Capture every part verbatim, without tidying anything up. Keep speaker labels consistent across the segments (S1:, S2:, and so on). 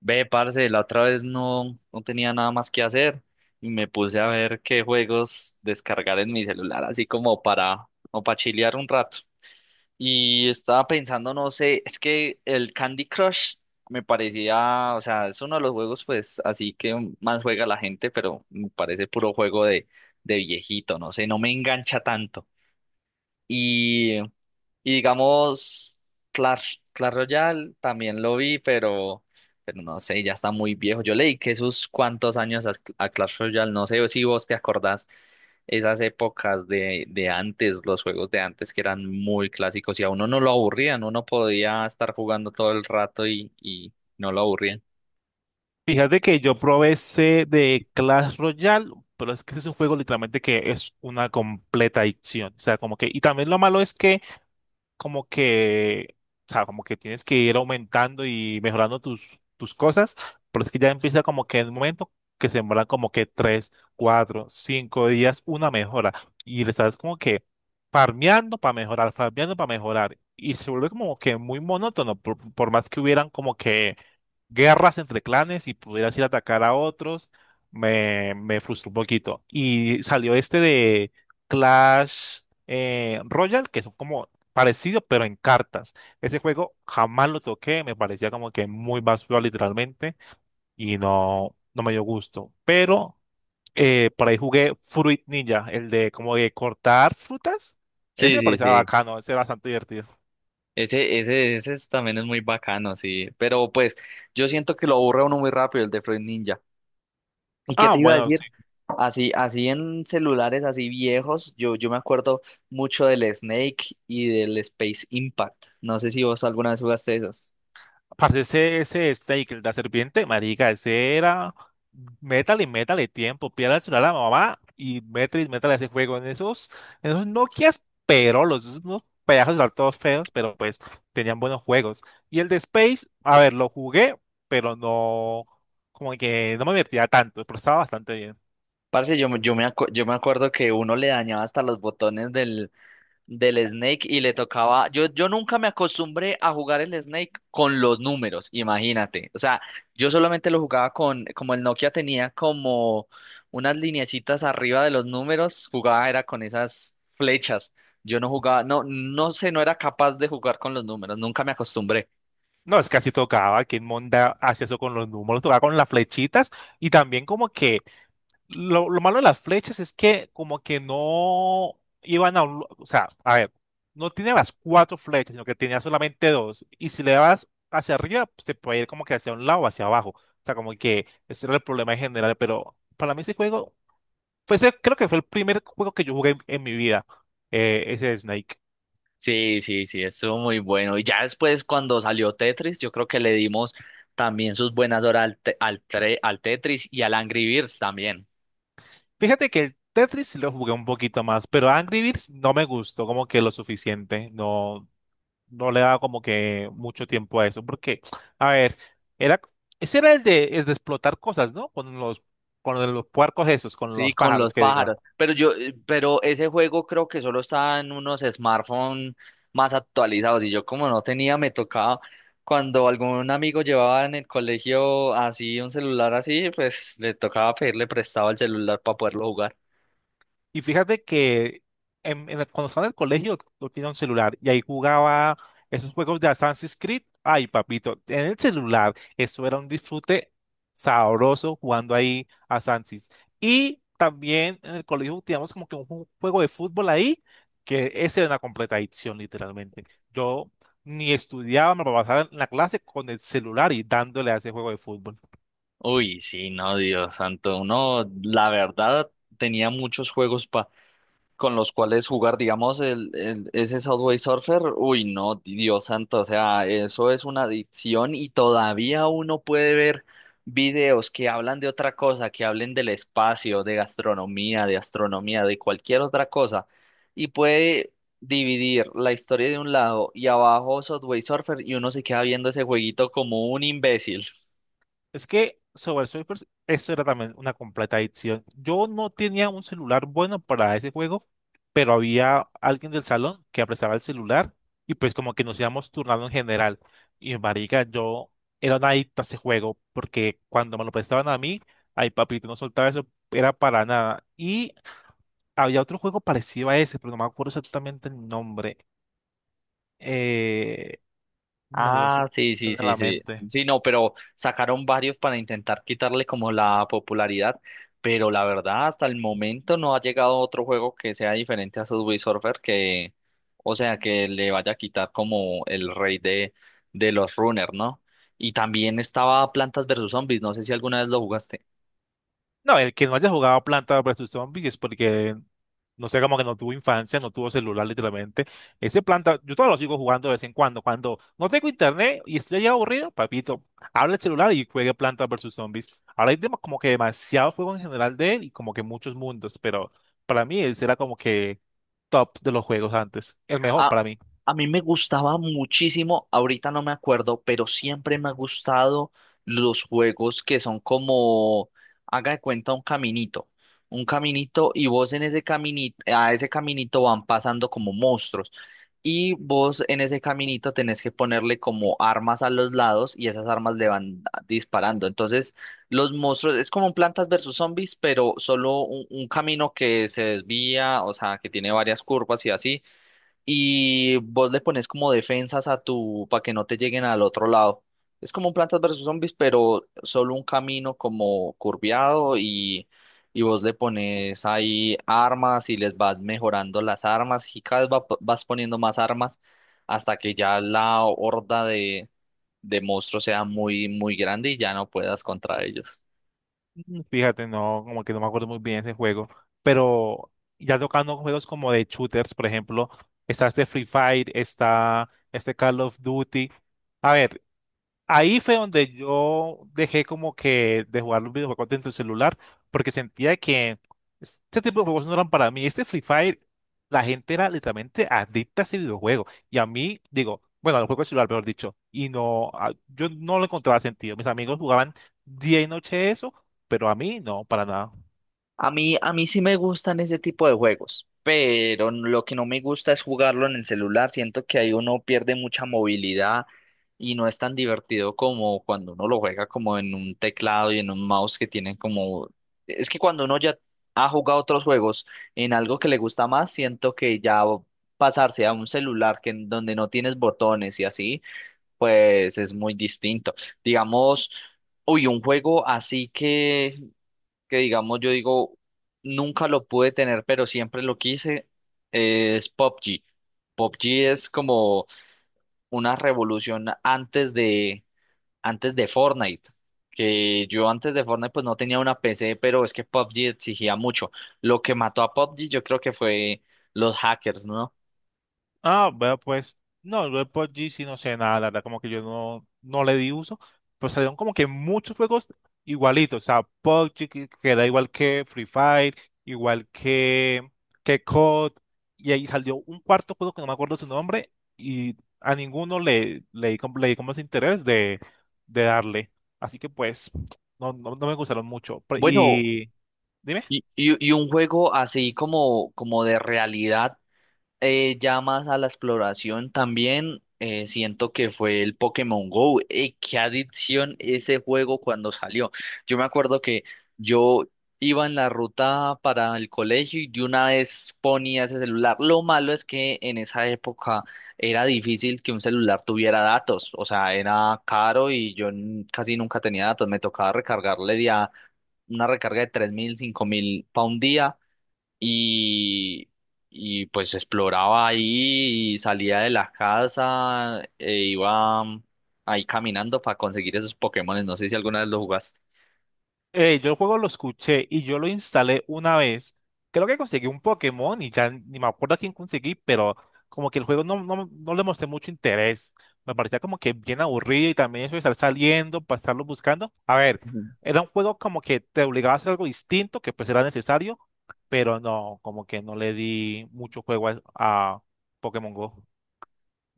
S1: Ve, parce, la otra vez no, no tenía nada más que hacer y me puse a ver qué juegos descargar en mi celular, así como para, o para chilear un rato. Y estaba pensando, no sé, es que el Candy Crush me parecía, o sea, es uno de los juegos, pues, así que más juega la gente, pero me parece puro juego de, de, viejito, no sé, no me engancha tanto. y y digamos, Clash, Clash Royale también lo vi, pero, pero no sé, ya está muy viejo. Yo leí que sus cuantos años a, a, Clash Royale, no sé si vos te acordás esas épocas de, de antes, los juegos de antes que eran muy clásicos y a uno no lo aburrían, uno podía estar jugando todo el rato y, y no lo aburrían.
S2: Fíjate que yo probé ese de Clash Royale, pero es que ese es un juego literalmente que es una completa adicción. O sea, como que, y también lo malo es que, como que, o sea, como que tienes que ir aumentando y mejorando tus, tus cosas, pero es que ya empieza como que en el momento que se demoran como que tres, cuatro, cinco días una mejora. Y le estás como que farmeando para mejorar, farmeando para mejorar. Y se vuelve como que muy monótono, por, por más que hubieran como que guerras entre clanes y pudieras ir a atacar a otros, me, me frustró un poquito. Y salió este de Clash eh, Royale, que son como parecido, pero en cartas. Ese juego jamás lo toqué, me parecía como que muy basura literalmente y no, no me dio gusto. Pero eh, por ahí jugué Fruit Ninja, el de como de cortar frutas. Ese
S1: Sí,
S2: me
S1: sí,
S2: parecía
S1: sí.
S2: bacano, ese era bastante divertido.
S1: Ese, ese, ese es- también es muy bacano, sí. Pero pues yo siento que lo aburre a uno muy rápido el de Fruit Ninja. ¿Y qué
S2: Ah,
S1: te iba a
S2: bueno.
S1: decir? Así, así en celulares así viejos, yo, yo me acuerdo mucho del Snake y del Space Impact. No sé si vos alguna vez jugaste esos.
S2: Parce, ese, ese Snake, el de la serpiente, marica, ese era. Métale, métale tiempo, pídale el celular a la mamá y métale, métale ese juego en esos, en esos Nokias perolos, esos unos pedazos de celular todos feos, pero pues tenían buenos juegos. Y el de Space, a ver, lo jugué, pero no, como que no me divertía tanto, pero estaba bastante bien.
S1: Parce, yo, me- yo me acu- yo me acuerdo que uno le dañaba hasta los botones del del Snake y le tocaba, yo, yo nunca me acostumbré a jugar el Snake con los números, imagínate. O sea, yo solamente lo jugaba con, como el Nokia tenía como unas lineecitas arriba de los números, jugaba era con esas flechas. Yo no jugaba, no, no sé, no era capaz de jugar con los números, nunca me acostumbré.
S2: No, es que así tocaba, que Monda hacía eso con los números, tocaba con las flechitas y también como que Lo, lo malo de las flechas es que como que no iban a un... lu- O sea, a ver, no tiene las cuatro flechas, sino que tenía solamente dos. Y si le das hacia arriba, pues, te puede ir como que hacia un lado o hacia abajo. O sea, como que ese era el problema en general. Pero para mí ese juego, fue ese- creo que fue el primer juego que yo jugué en, en mi vida, eh, ese Snake.
S1: Sí, sí, sí, estuvo muy bueno. Y ya después cuando salió Tetris, yo creo que le dimos también sus buenas horas al, te- al, tre- al Tetris y al Angry Birds también.
S2: Fíjate que el Tetris sí lo jugué un poquito más, pero Angry Birds no me gustó como que lo suficiente. No, no le daba como que mucho tiempo a eso, porque, a ver, era, ese era el de, el de explotar cosas, ¿no? Con los, con los puercos esos, con
S1: Sí,
S2: los
S1: con
S2: pájaros,
S1: los
S2: que diga.
S1: pájaros. Pero yo, eh, pero ese juego creo que solo está en unos smartphones más actualizados. Y yo como no tenía, me tocaba cuando algún amigo llevaba en el colegio así un celular así, pues le tocaba pedirle prestado el celular para poderlo jugar.
S2: Y fíjate que en, en el- cuando estaba en el colegio yo tenía un celular y ahí jugaba esos juegos de Assassin's Creed. Ay, papito, en el celular eso era un disfrute sabroso jugando ahí a Assassin's. Y también en el colegio teníamos como que un ju- juego de fútbol ahí, que ese era una completa adicción literalmente. Yo ni estudiaba, me pasaba en la clase con el celular y dándole a ese juego de fútbol.
S1: Uy, sí, no, Dios santo. Uno, la verdad, tenía muchos juegos con los cuales jugar, digamos, el, el- ese Subway Surfer, uy, no, Dios santo, o sea, eso es una adicción y todavía uno puede ver videos que hablan de otra cosa, que hablen del espacio, de gastronomía, de astronomía, de cualquier otra cosa, y puede dividir la historia de un lado y abajo Subway Surfer y uno se queda viendo ese jueguito como un imbécil.
S2: Es que sobre Surfers, eso era también una completa adicción. Yo no tenía un celular bueno para ese juego, pero había alguien del salón que prestaba el celular y pues como que nos íbamos turnando en general. Y marica, yo era un adicto a ese juego porque cuando me lo prestaban a mí, ay papito, no soltaba eso, era para nada. Y había otro juego parecido a ese, pero no me acuerdo exactamente el nombre. Eh, no no lo sé,
S1: Ah,
S2: no
S1: sí,
S2: me
S1: sí,
S2: viene a
S1: sí,
S2: la
S1: sí.
S2: mente.
S1: Sí, no, pero sacaron varios para intentar quitarle como la popularidad, pero la verdad hasta el momento no ha llegado otro juego que sea diferente a Subway Surfer que, o sea, que le vaya a quitar como el rey de, de los runners, ¿no? Y también estaba Plantas versus Zombies, no sé si alguna vez lo jugaste.
S2: No, el que no haya jugado Planta versus Zombies es porque, no sé, como que no tuvo infancia, no tuvo celular literalmente. Ese Planta, yo todavía lo sigo jugando de vez en cuando. Cuando no tengo internet y estoy ya aburrido, papito, abre el celular y juegue Planta versus Zombies. Ahora hay dem- como que demasiado juego en general de él y como que muchos mundos, pero para mí ese era como que top de los juegos antes. El mejor
S1: A,
S2: para mí.
S1: a mí me gustaba muchísimo, ahorita no me acuerdo, pero siempre me ha gustado los juegos que son como, haga de cuenta, un caminito. Un caminito y vos en ese caminito, a ese caminito van pasando como monstruos. Y vos en ese caminito tenés que ponerle como armas a los lados y esas armas le van a- disparando. Entonces, los monstruos es como un Plantas versus Zombies, pero solo un, un, camino que se desvía, o sea, que tiene varias curvas y así y vos le pones como defensas a tu para que no te lleguen al otro lado. Es como un Plantas versus Zombies, pero solo un camino como curviado y, y vos le pones ahí armas y les vas mejorando las armas y cada vez va- vas poniendo más armas hasta que ya la horda de, de monstruos sea muy, muy grande y ya no puedas contra ellos.
S2: Mm, fíjate, no, como que no me acuerdo muy bien ese juego, pero ya tocando juegos como de shooters, por ejemplo, está este Free Fire, está este Call of Duty. A ver, ahí fue donde yo dejé como que de jugar los videojuegos dentro del celular, porque sentía que este tipo de juegos no eran para mí. Este Free Fire, la gente era literalmente adicta a ese videojuego. Y a mí, digo, bueno, al juego de celular, mejor dicho, y no, a- yo no lo encontraba sentido. Mis amigos jugaban día y noche eso, pero a mí no, para nada.
S1: A mí, a mí sí me gustan ese tipo de juegos, pero n- lo que no me gusta es jugarlo en el celular. Siento que ahí uno pierde mucha movilidad y no es tan divertido como cuando uno lo juega como en un teclado y en un mouse que tienen como... Es que cuando uno ya ha jugado otros juegos en algo que le gusta más, siento que ya o- pasarse a un celular que en donde no tienes botones y así, pues es muy distinto. Digamos... Uy, un juego así que que digamos yo digo, nunca lo pude tener, pero siempre lo quise, es P U B G. P U B G es como una revolución antes de, antes de, Fortnite. Que yo antes de Fortnite pues no tenía una P C, pero es que P U B G exigía mucho. Lo que mató a P U B G yo creo que fue los hackers, ¿no?
S2: Ah, bueno, pues, no, yo de P U B G sí no sé nada, la verdad, como que yo no, no le di uso, pero salieron como que muchos juegos igualitos, o sea, P U B G que, que era igual que Free Fire, igual que, que C O D, y ahí salió un cuarto juego que no me acuerdo su nombre, y a ninguno le, le, di como- le di como ese interés de, de darle, así que pues, no, no, no me gustaron mucho, pero-
S1: Bueno,
S2: y... dime.
S1: y, y, y un juego así como, como de realidad. Eh, ya más a la exploración también, eh, siento que fue el Pokémon Go. Eh, qué adicción ese juego cuando salió. Yo me acuerdo que yo iba en la ruta para el colegio y de una vez ponía ese celular. Lo malo es que en esa época era difícil que un celular tuviera datos, o sea, era caro y yo n- casi nunca tenía datos. Me tocaba recargarle ya una recarga de tres mil cinco mil pa un día y, y pues exploraba ahí y salía de la casa e iba mm, ahí caminando para conseguir esos Pokémones. No sé si alguna vez lo jugaste.
S2: Eh, yo el juego lo escuché y yo lo instalé una vez. Creo que conseguí un Pokémon y ya ni me acuerdo a quién conseguí, pero como que el juego no, no, no le mostré mucho interés. Me parecía como que bien aburrido y también eso de estar saliendo para estarlo buscando. A ver,
S1: Ujú.
S2: era un juego como que te obligaba a hacer algo distinto, que pues era necesario, pero no, como que no le di mucho juego a, a Pokémon Go.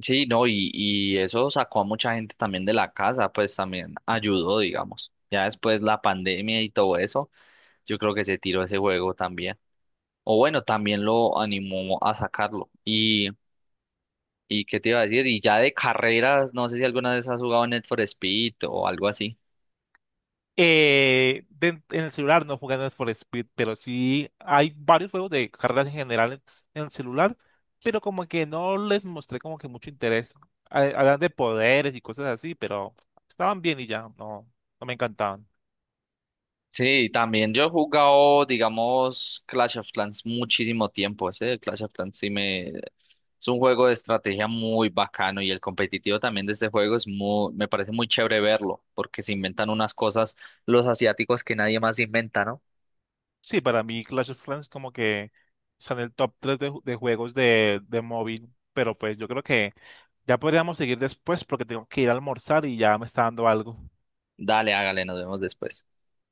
S1: Sí, no, y, y eso sacó a mucha gente también de la casa, pues también ayudó, digamos. Ya después la pandemia y todo eso, yo creo que se tiró ese juego también. O bueno, también lo animó a sacarlo. Y, y qué te iba a decir, y ya de carreras, no sé si alguna vez has jugado Need for Speed o algo así.
S2: Eh, de- en el celular no jugando For Speed, pero sí hay varios juegos de carreras en general en, en el celular, pero como que no les mostré como que mucho interés. Ha- Hablan de poderes y cosas así, pero estaban bien y ya, no, no me encantaban.
S1: Sí, también yo he jugado, digamos, Clash of Clans muchísimo tiempo. Ese Clash of Clans sí me... Es un juego de estrategia muy bacano y el competitivo también de este juego es muy... Me parece muy chévere verlo, porque se inventan unas cosas los asiáticos que nadie más inventa, ¿no?
S2: Sí, para mí Clash of Clans como que está en el top tres de, ju- de juegos de, de móvil, pero pues yo creo que ya podríamos seguir después porque tengo que ir a almorzar y ya me está dando algo.
S1: Dale, hágale, nos vemos después.